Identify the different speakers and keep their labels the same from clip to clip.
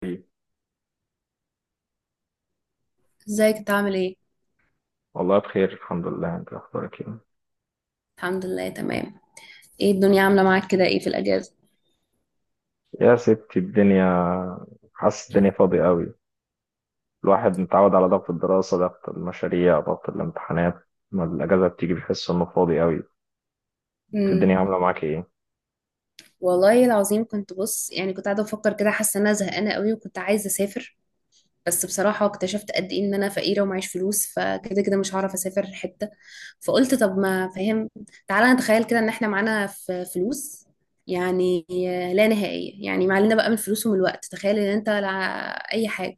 Speaker 1: طيب.
Speaker 2: ازيك انت عامل ايه؟
Speaker 1: والله بخير، الحمد لله. انت اخبارك ايه؟
Speaker 2: الحمد لله، تمام. ايه الدنيا عامله معاك كده، ايه في الاجازه؟
Speaker 1: يا ستي الدنيا، حاسس الدنيا فاضية قوي. الواحد متعود على ضغط الدراسة، ضغط المشاريع، ضغط الامتحانات. لما الأجازة بتيجي بيحس إنه فاضي قوي. انت
Speaker 2: امم.
Speaker 1: الدنيا عاملة معاك ايه؟
Speaker 2: والله العظيم، كنت بص يعني كنت قاعده بفكر كده، حاسه ان انا زهقانه قوي وكنت عايزه اسافر. بس بصراحه اكتشفت قد ايه ان انا فقيره ومعيش فلوس، فكده كده مش هعرف اسافر حته. فقلت طب، ما فاهم. تعالى نتخيل كده ان احنا معانا فلوس، يعني لا نهائيه، يعني معلنا بقى من الفلوس ومن الوقت. تخيل ان انت لا، اي حاجه،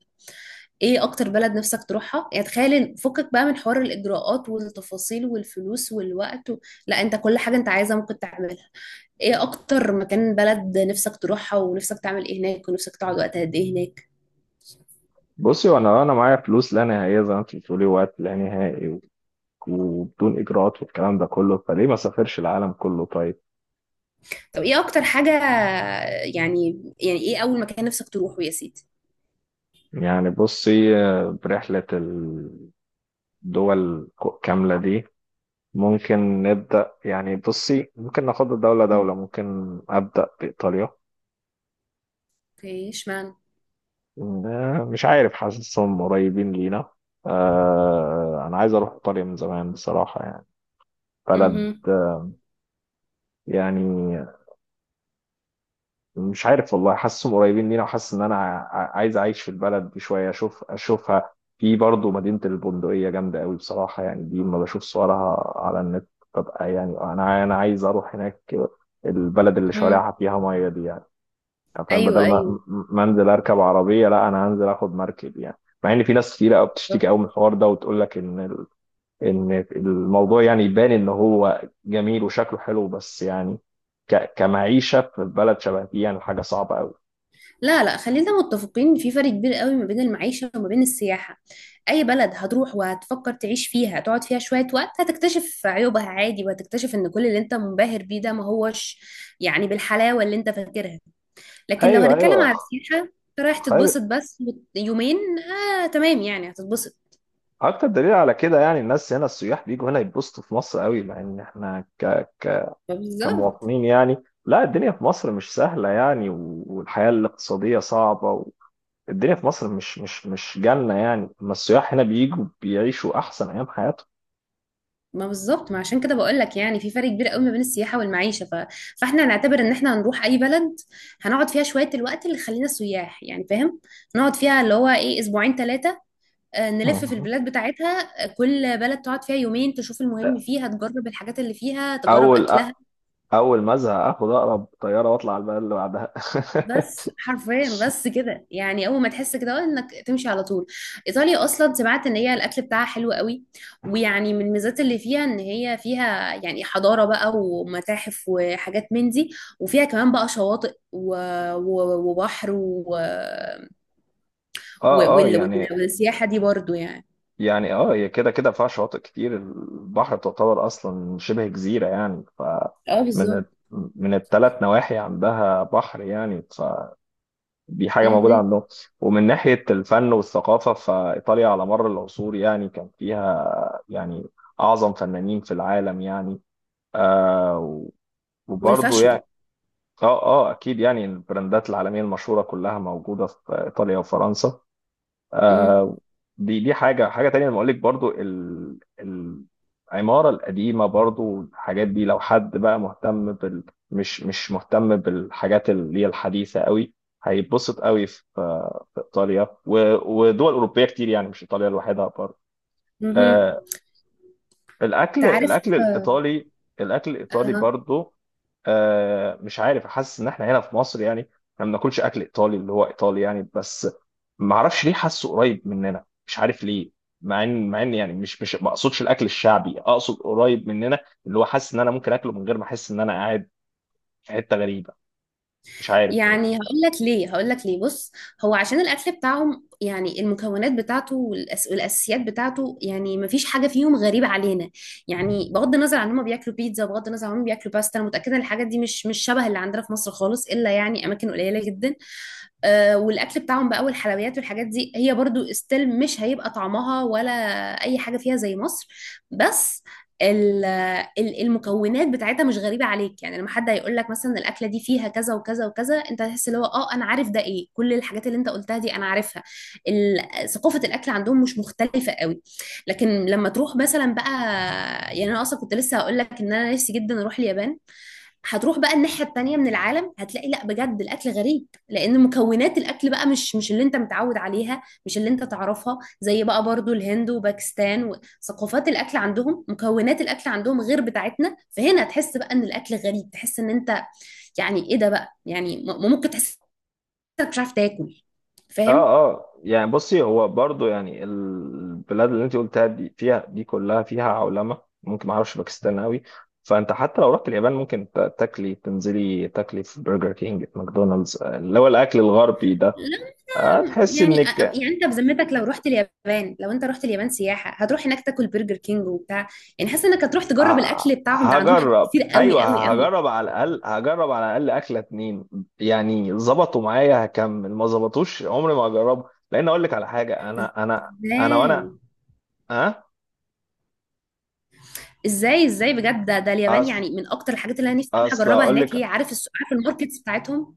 Speaker 2: ايه اكتر بلد نفسك تروحها؟ يعني تخيل فكك بقى من حوار الاجراءات والتفاصيل والفلوس والوقت لا، انت كل حاجة انت عايزها ممكن تعملها. ايه اكتر مكان بلد نفسك تروحها، ونفسك تعمل ايه هناك، ونفسك تقعد وقت قد ايه هناك؟
Speaker 1: بصي، وأنا معايا فلوس لا نهائية زي ما انت بتقولي، وقت لا نهائي وبدون إجراءات والكلام ده كله، فليه ما سافرش العالم كله طيب؟
Speaker 2: طب، ايه اكتر حاجة، يعني ايه اول مكان نفسك تروحه يا سيدي؟
Speaker 1: يعني بصي، برحلة الدول كاملة دي ممكن نبدأ. يعني بصي، ممكن ناخد دولة
Speaker 2: مم.
Speaker 1: دولة. ممكن أبدأ بإيطاليا.
Speaker 2: اوكي، اشمعنى؟
Speaker 1: مش عارف، حاسسهم قريبين لينا. أنا عايز أروح إيطاليا من زمان بصراحة، يعني بلد،
Speaker 2: مهم.
Speaker 1: يعني مش عارف والله، حاسسهم قريبين لينا. وحاسس إن أنا عايز أعيش في البلد دي شوية، أشوف أشوفها. في برضه مدينة البندقية جامدة قوي بصراحة، يعني دي لما بشوف صورها على النت ببقى يعني أنا عايز أروح هناك. البلد اللي
Speaker 2: مم.
Speaker 1: شوارعها فيها مية دي، يعني فاهم، بدل
Speaker 2: ايوه،
Speaker 1: ما
Speaker 2: ايوه.
Speaker 1: ما انزل اركب عربيه، لا، انا هنزل اخد مركب يعني. مع ان في ناس كتير قوي بتشتكي قوي من الحوار ده وتقول لك ان الموضوع يعني يبان ان هو جميل وشكله حلو، بس يعني كمعيشه في بلد شبه دي يعني حاجه صعبه قوي.
Speaker 2: لا، لا، خلينا متفقين إن في فرق كبير قوي ما بين المعيشة وما بين السياحة. أي بلد هتروح وهتفكر تعيش فيها، هتقعد فيها شوية وقت هتكتشف عيوبها عادي، وهتكتشف إن كل اللي أنت منبهر بيه ده ما هوش يعني بالحلاوة اللي أنت فاكرها. لكن لو
Speaker 1: ايوه
Speaker 2: هنتكلم
Speaker 1: ايوه.
Speaker 2: على السياحة، أنت رايح
Speaker 1: خير.
Speaker 2: تتبسط بس، يومين. آه، تمام، يعني هتتبسط.
Speaker 1: اكتر دليل على كده، يعني الناس هنا، السياح بيجوا هنا يتبسطوا في مصر قوي، مع ان احنا ك...
Speaker 2: بالظبط.
Speaker 1: كمواطنين يعني لا، الدنيا في مصر مش سهله يعني، والحياه الاقتصاديه صعبه. الدنيا في مصر مش جنة يعني، اما السياح هنا بيجوا بيعيشوا أحسن أيام حياتهم.
Speaker 2: ما بالظبط، ما عشان كده بقول لك يعني في فرق كبير قوي ما بين السياحه والمعيشه. فاحنا هنعتبر ان احنا هنروح اي بلد، هنقعد فيها شويه، الوقت اللي خلينا سياح، يعني فاهم؟ نقعد فيها اللي هو ايه، اسبوعين، ثلاثه. نلف في
Speaker 1: مهم.
Speaker 2: البلاد بتاعتها، كل بلد تقعد فيها يومين، تشوف المهم فيها، تجرب الحاجات اللي فيها، تجرب
Speaker 1: أول
Speaker 2: اكلها.
Speaker 1: أول ما أزهق آخد أقرب طيارة وأطلع على البلد اللي بعدها
Speaker 2: بس حرفيا، بس كده، يعني اول ما تحس كده انك تمشي على طول. ايطاليا اصلا، سمعت ان هي الاكل بتاعها حلو قوي. ويعني من الميزات اللي فيها ان هي فيها يعني حضاره بقى ومتاحف وحاجات من دي. وفيها كمان بقى شواطئ وبحر وال...
Speaker 1: اه اه يعني.
Speaker 2: والسياحه دي برضو يعني.
Speaker 1: يعني اه، هي كده كده فيها شواطئ كتير، البحر تعتبر أصلا شبه جزيرة يعني ف
Speaker 2: اه،
Speaker 1: من ال-
Speaker 2: بالظبط.
Speaker 1: من الثلاث نواحي عندها بحر يعني. دي حاجة موجودة
Speaker 2: مهم.
Speaker 1: عندهم. ومن ناحية الفن والثقافة، فإيطاليا على مر العصور يعني كان فيها يعني أعظم فنانين في العالم يعني. آه. وبرضه
Speaker 2: والفاشن.
Speaker 1: يعني اه اه، اكيد يعني البراندات العالميه المشهوره كلها موجوده في ايطاليا وفرنسا.
Speaker 2: مهم.
Speaker 1: آه، دي حاجة تانية لما أقول لك برضو العمارة القديمة، برضو الحاجات دي لو حد بقى مهتم بال، مش مهتم بالحاجات اللي هي الحديثة قوي، هيتبسط قوي في في إيطاليا ودول أوروبية كتير يعني، مش إيطاليا لوحدها برضو.
Speaker 2: مهم.
Speaker 1: آه، الاكل
Speaker 2: تعرف.
Speaker 1: الاكل الايطالي، الاكل الايطالي
Speaker 2: آه.
Speaker 1: برضو، مش عارف، حاسس ان احنا هنا في مصر يعني احنا ما بناكلش اكل ايطالي اللي هو ايطالي يعني، بس ما اعرفش ليه، حاسه قريب مننا مش عارف ليه. مع ان يعني مش مش ما اقصدش الاكل الشعبي، اقصد قريب مننا، اللي هو حاسس ان انا ممكن اكله من غير ما احس ان انا قاعد في حته غريبه. مش عارف.
Speaker 2: يعني هقول لك ليه، هقول لك ليه، بص. هو عشان الاكل بتاعهم، يعني المكونات بتاعته والاساسيات بتاعته، يعني ما فيش حاجه فيهم غريبه علينا. يعني بغض النظر عن هم بياكلوا بيتزا، بغض النظر عن هم بياكلوا باستا، انا متاكده ان الحاجات دي مش شبه اللي عندنا في مصر خالص، الا يعني اماكن قليله جدا. والاكل بتاعهم بقى والحلويات والحاجات دي هي برضو استيل، مش هيبقى طعمها ولا اي حاجه فيها زي مصر. بس ال- المكونات بتاعتها مش غريبه عليك، يعني لما حد هيقول لك مثلا الاكله دي فيها كذا وكذا وكذا، انت هتحس اللي هو انا عارف ده ايه، كل الحاجات اللي انت قلتها دي انا عارفها. ثقافه الاكل عندهم مش مختلفه قوي. لكن لما تروح مثلا بقى، يعني انا اصلا كنت لسه هقول لك ان انا نفسي جدا اروح اليابان. هتروح بقى الناحية التانية من العالم، هتلاقي لا، بجد الأكل غريب، لأن مكونات الأكل بقى مش اللي أنت متعود عليها، مش اللي أنت تعرفها، زي بقى برضو الهند وباكستان، وثقافات الأكل عندهم، مكونات الأكل عندهم غير بتاعتنا، فهنا تحس بقى إن الأكل غريب، تحس إن أنت، يعني إيه ده بقى، يعني ممكن تحس إنك مش عارف تاكل.
Speaker 1: اه
Speaker 2: فاهم؟
Speaker 1: اه، يعني بصي، هو برضو يعني البلاد اللي انت قلتها دي فيها، دي كلها فيها عولمه، ممكن ما اعرفش باكستان قوي. فانت حتى لو رحت اليابان ممكن تاكلي، تنزلي تاكلي في برجر كينج، في ماكدونالدز، اللي هو الاكل الغربي ده.
Speaker 2: لا،
Speaker 1: تحسي
Speaker 2: يعني
Speaker 1: انك،
Speaker 2: يعني انت بذمتك لو انت رحت اليابان سياحه هتروح هناك تاكل برجر كينج وبتاع؟ يعني حاسه انك هتروح تجرب الاكل بتاعهم، ده عندهم حاجات
Speaker 1: هجرب،
Speaker 2: كتير قوي قوي
Speaker 1: ايوه
Speaker 2: قوي.
Speaker 1: هجرب، على الاقل هجرب على الاقل اكله اتنين، يعني ظبطوا معايا هكمل، ما ظبطوش عمري ما هجربه. لان اقول لك على حاجه، انا انا انا
Speaker 2: ازاي؟
Speaker 1: وانا اه.
Speaker 2: بجد؟ ده اليابان
Speaker 1: اصل
Speaker 2: يعني من اكتر الحاجات اللي انا نفسي اروح
Speaker 1: اصل
Speaker 2: اجربها
Speaker 1: اقول
Speaker 2: هناك،
Speaker 1: لك،
Speaker 2: هي عارف الماركتس بتاعتهم،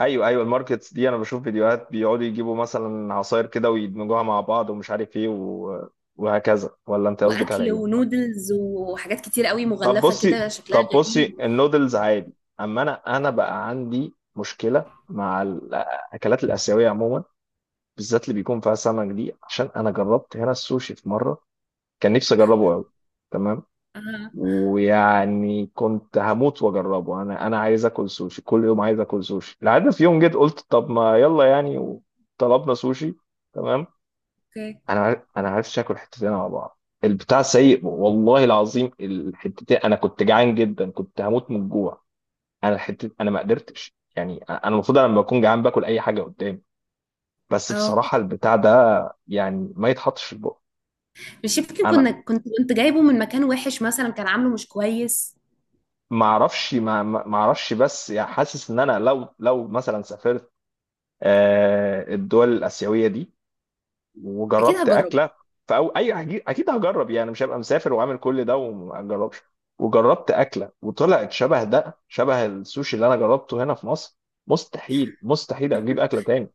Speaker 1: ايوه ايوه، الماركتس دي انا بشوف فيديوهات بيقعدوا يجيبوا مثلا عصاير كده ويدمجوها مع بعض، ومش عارف ايه وهكذا، ولا انت قصدك على
Speaker 2: واكل
Speaker 1: ايه؟
Speaker 2: ونودلز وحاجات كتير قوي
Speaker 1: طب
Speaker 2: مغلفه
Speaker 1: بصي،
Speaker 2: كده شكلها غريب.
Speaker 1: النودلز عادي، اما انا بقى عندي مشكله مع الاكلات الاسيويه عموما، بالذات اللي بيكون فيها سمك دي. عشان انا جربت هنا السوشي في مره، كان نفسي اجربه قوي. تمام.
Speaker 2: اه.
Speaker 1: ويعني كنت هموت واجربه، انا عايز اكل سوشي كل يوم، عايز اكل سوشي، لحد في يوم جيت قلت طب ما يلا يعني. طلبنا سوشي. تمام.
Speaker 2: اوكي.
Speaker 1: انا عرفتش اكل حتتين على بعض. البتاع سيء والله العظيم. الحتتين، انا كنت جعان جدا، كنت هموت من الجوع. انا ما قدرتش يعني، انا المفروض أنا لما بكون جعان باكل اي حاجه قدامي، بس
Speaker 2: اه.
Speaker 1: بصراحه البتاع ده يعني ما يتحطش في البق.
Speaker 2: مش يمكن
Speaker 1: انا
Speaker 2: كنا كنت كنت جايبه من مكان وحش مثلا، كان عامله مش كويس؟
Speaker 1: ما اعرفش، ما اعرفش، بس يعني حاسس ان انا لو مثلا سافرت، الدول الآسيوية دي،
Speaker 2: اكيد
Speaker 1: وجربت
Speaker 2: هجربه.
Speaker 1: أكلة، فأو أي، أكيد هجرب يعني، مش هبقى مسافر وعامل كل ده وما أجربش، وجربت أكلة وطلعت شبه ده، شبه السوشي اللي أنا جربته هنا في مصر، مستحيل أجيب أكلة تاني.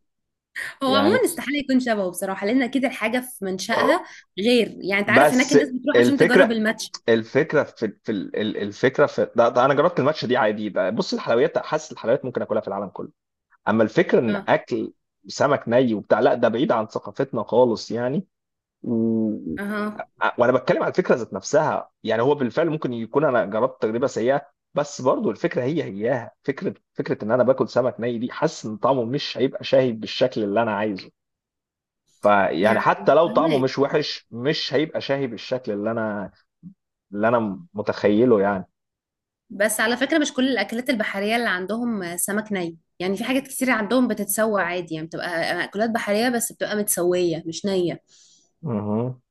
Speaker 2: هو
Speaker 1: يعني
Speaker 2: عموما استحاله يكون شبهه بصراحه، لان اكيد الحاجه في
Speaker 1: آه،
Speaker 2: منشأها غير. يعني انت عارف هناك
Speaker 1: بس
Speaker 2: الناس بتروح عشان تجرب
Speaker 1: الفكرة،
Speaker 2: الماتش.
Speaker 1: الفكرة في ده أنا جربت الماتش دي عادي بقى. بص، الحلويات حاسس الحلويات ممكن أكلها في العالم كله، أما الفكرة إن
Speaker 2: اه،
Speaker 1: أكل سمك ني وبتاع، لا، ده بعيد عن ثقافتنا خالص يعني.
Speaker 2: اها،
Speaker 1: وانا بتكلم على الفكره ذات نفسها يعني. هو بالفعل ممكن يكون انا جربت تجربه سيئه، بس برضو الفكره هي هياها فكره، ان انا باكل سمك ني دي، حاسس ان طعمه مش هيبقى شاهي بالشكل اللي انا عايزه. فيعني
Speaker 2: يعني
Speaker 1: حتى لو طعمه
Speaker 2: فهمك.
Speaker 1: مش وحش، مش هيبقى شاهي بالشكل اللي انا متخيله يعني.
Speaker 2: بس على فكرة، مش كل الأكلات البحرية اللي عندهم سمك ني، يعني في حاجات كتير عندهم بتتسوى عادي، يعني بتبقى أكلات بحرية بس بتبقى متسوية مش نية.
Speaker 1: مهم.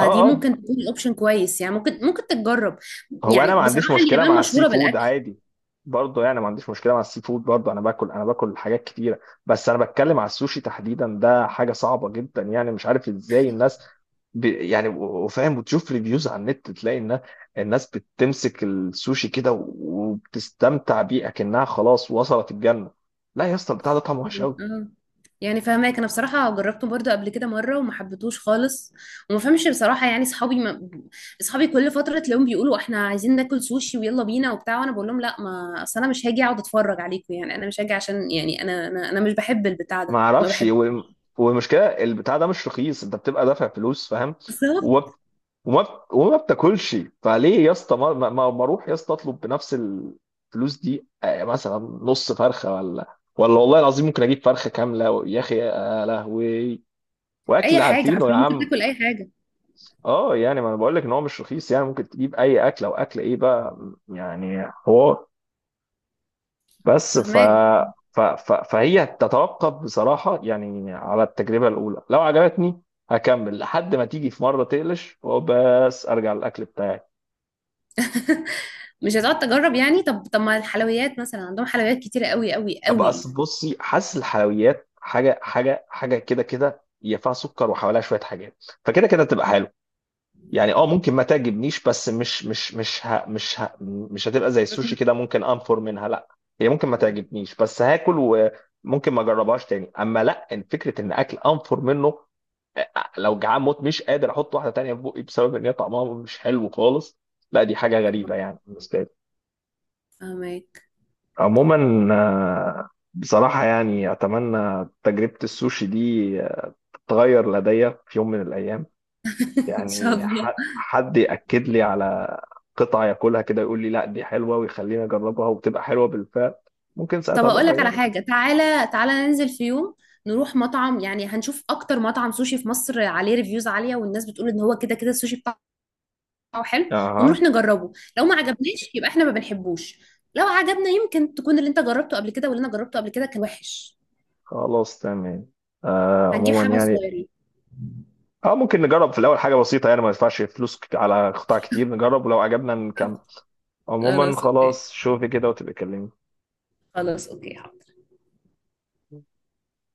Speaker 1: اه اه،
Speaker 2: ممكن تكون أوبشن كويس، يعني ممكن تتجرب.
Speaker 1: هو
Speaker 2: يعني
Speaker 1: انا ما عنديش
Speaker 2: بصراحة
Speaker 1: مشكله
Speaker 2: اليابان
Speaker 1: مع السي
Speaker 2: مشهورة
Speaker 1: فود
Speaker 2: بالأكل.
Speaker 1: عادي، برضه يعني ما عنديش مشكله مع السي فود، برضه انا باكل حاجات كتيره، بس انا بتكلم على السوشي تحديدا، ده حاجه صعبه جدا، يعني مش عارف ازاي الناس يعني وفاهم، وتشوف ريفيوز على النت تلاقي ان الناس بتمسك السوشي كده وبتستمتع بيه اكنها خلاص وصلت الجنه. لا يا اسطى، البتاع ده طعمه وحش
Speaker 2: يعني
Speaker 1: قوي.
Speaker 2: يعني فاهماك، انا بصراحه جربته برضو قبل كده مره وما حبيتهوش خالص. وما فهمش بصراحه. يعني اصحابي ما... اصحابي كل فتره تلاقيهم بيقولوا احنا عايزين ناكل سوشي ويلا بينا وبتاع، وانا بقول لهم لا، ما اصل انا مش هاجي اقعد اتفرج عليكم، يعني انا مش هاجي عشان يعني أنا مش بحب البتاع
Speaker 1: ما
Speaker 2: ده ما
Speaker 1: اعرفش
Speaker 2: بحبوش.
Speaker 1: والمشكله البتاع ده مش رخيص، انت بتبقى دافع فلوس فاهم،
Speaker 2: بالظبط.
Speaker 1: وما بتاكلش. فليه يا اسطى ما اروح يا اسطى اطلب بنفس الفلوس دي، مثلا نص فرخه، ولا والله العظيم ممكن اجيب فرخه كامله، يا اخي يا لهوي،
Speaker 2: اي
Speaker 1: واكل
Speaker 2: حاجه،
Speaker 1: عارفينه يا
Speaker 2: حرفيا ممكن
Speaker 1: عم.
Speaker 2: تاكل اي حاجه.
Speaker 1: اه يعني، ما انا بقول لك ان هو مش رخيص يعني، ممكن تجيب اي اكل، او اكل ايه بقى، يعني حوار. بس ف
Speaker 2: فاهماك.
Speaker 1: ف ف فهي تتوقف بصراحه يعني على التجربه الاولى، لو عجبتني هكمل لحد ما تيجي في مره تقلش، وبس ارجع للاكل بتاعي.
Speaker 2: مش هتقعد تجرب يعني؟ طب ما الحلويات مثلا، عندهم حلويات كتيره قوي قوي
Speaker 1: ابقى
Speaker 2: قوي
Speaker 1: اصل
Speaker 2: يعني.
Speaker 1: بصي، حاسس الحلويات حاجه كده، كده ينفع سكر وحواليها شويه حاجات، فكده كده تبقى حلو، يعني اه ممكن ما تعجبنيش، بس مش هتبقى زي السوشي كده ممكن انفر منها، لا. هي ممكن ما تعجبنيش بس هاكل، وممكن ما اجربهاش تاني، اما لا إن فكره ان اكل انفر منه، لو جعان موت مش قادر احط واحده تانيه في بقي بسبب ان هي طعمها مش حلو خالص، لا دي حاجه غريبه يعني بالنسبه لي.
Speaker 2: فاهماك.
Speaker 1: عموما بصراحة يعني أتمنى تجربة السوشي دي تتغير لدي في يوم من الأيام،
Speaker 2: ان شاء
Speaker 1: يعني
Speaker 2: الله.
Speaker 1: حد يأكد لي على قطعة ياكلها كده يقول لي لا دي حلوة، ويخليني أجربها وبتبقى حلوة بالفعل، ممكن ساعتها
Speaker 2: طب
Speaker 1: أبقى
Speaker 2: اقول لك على
Speaker 1: أغيرها.
Speaker 2: حاجه، تعالى تعالى ننزل في يوم نروح مطعم، يعني هنشوف اكتر مطعم سوشي في مصر عليه ريفيوز عاليه، والناس بتقول ان هو كده كده السوشي بتاعه حلو، ونروح
Speaker 1: أها.
Speaker 2: نجربه. لو ما عجبناش يبقى احنا ما بنحبوش، لو عجبنا يمكن تكون اللي انت جربته قبل كده واللي انا جربته قبل كده كان وحش.
Speaker 1: خلاص تمام. آه
Speaker 2: هنجيب
Speaker 1: عموما
Speaker 2: حبه
Speaker 1: يعني
Speaker 2: صغيرين.
Speaker 1: اه، ممكن نجرب في الأول حاجة بسيطة، يعني ما ندفعش فلوس على قطع كتير، نجرب ولو عجبنا نكمل. عموما
Speaker 2: خلاص، اوكي.
Speaker 1: خلاص، شوفي كده وتبقى كلمني.
Speaker 2: خلاص، اوكي.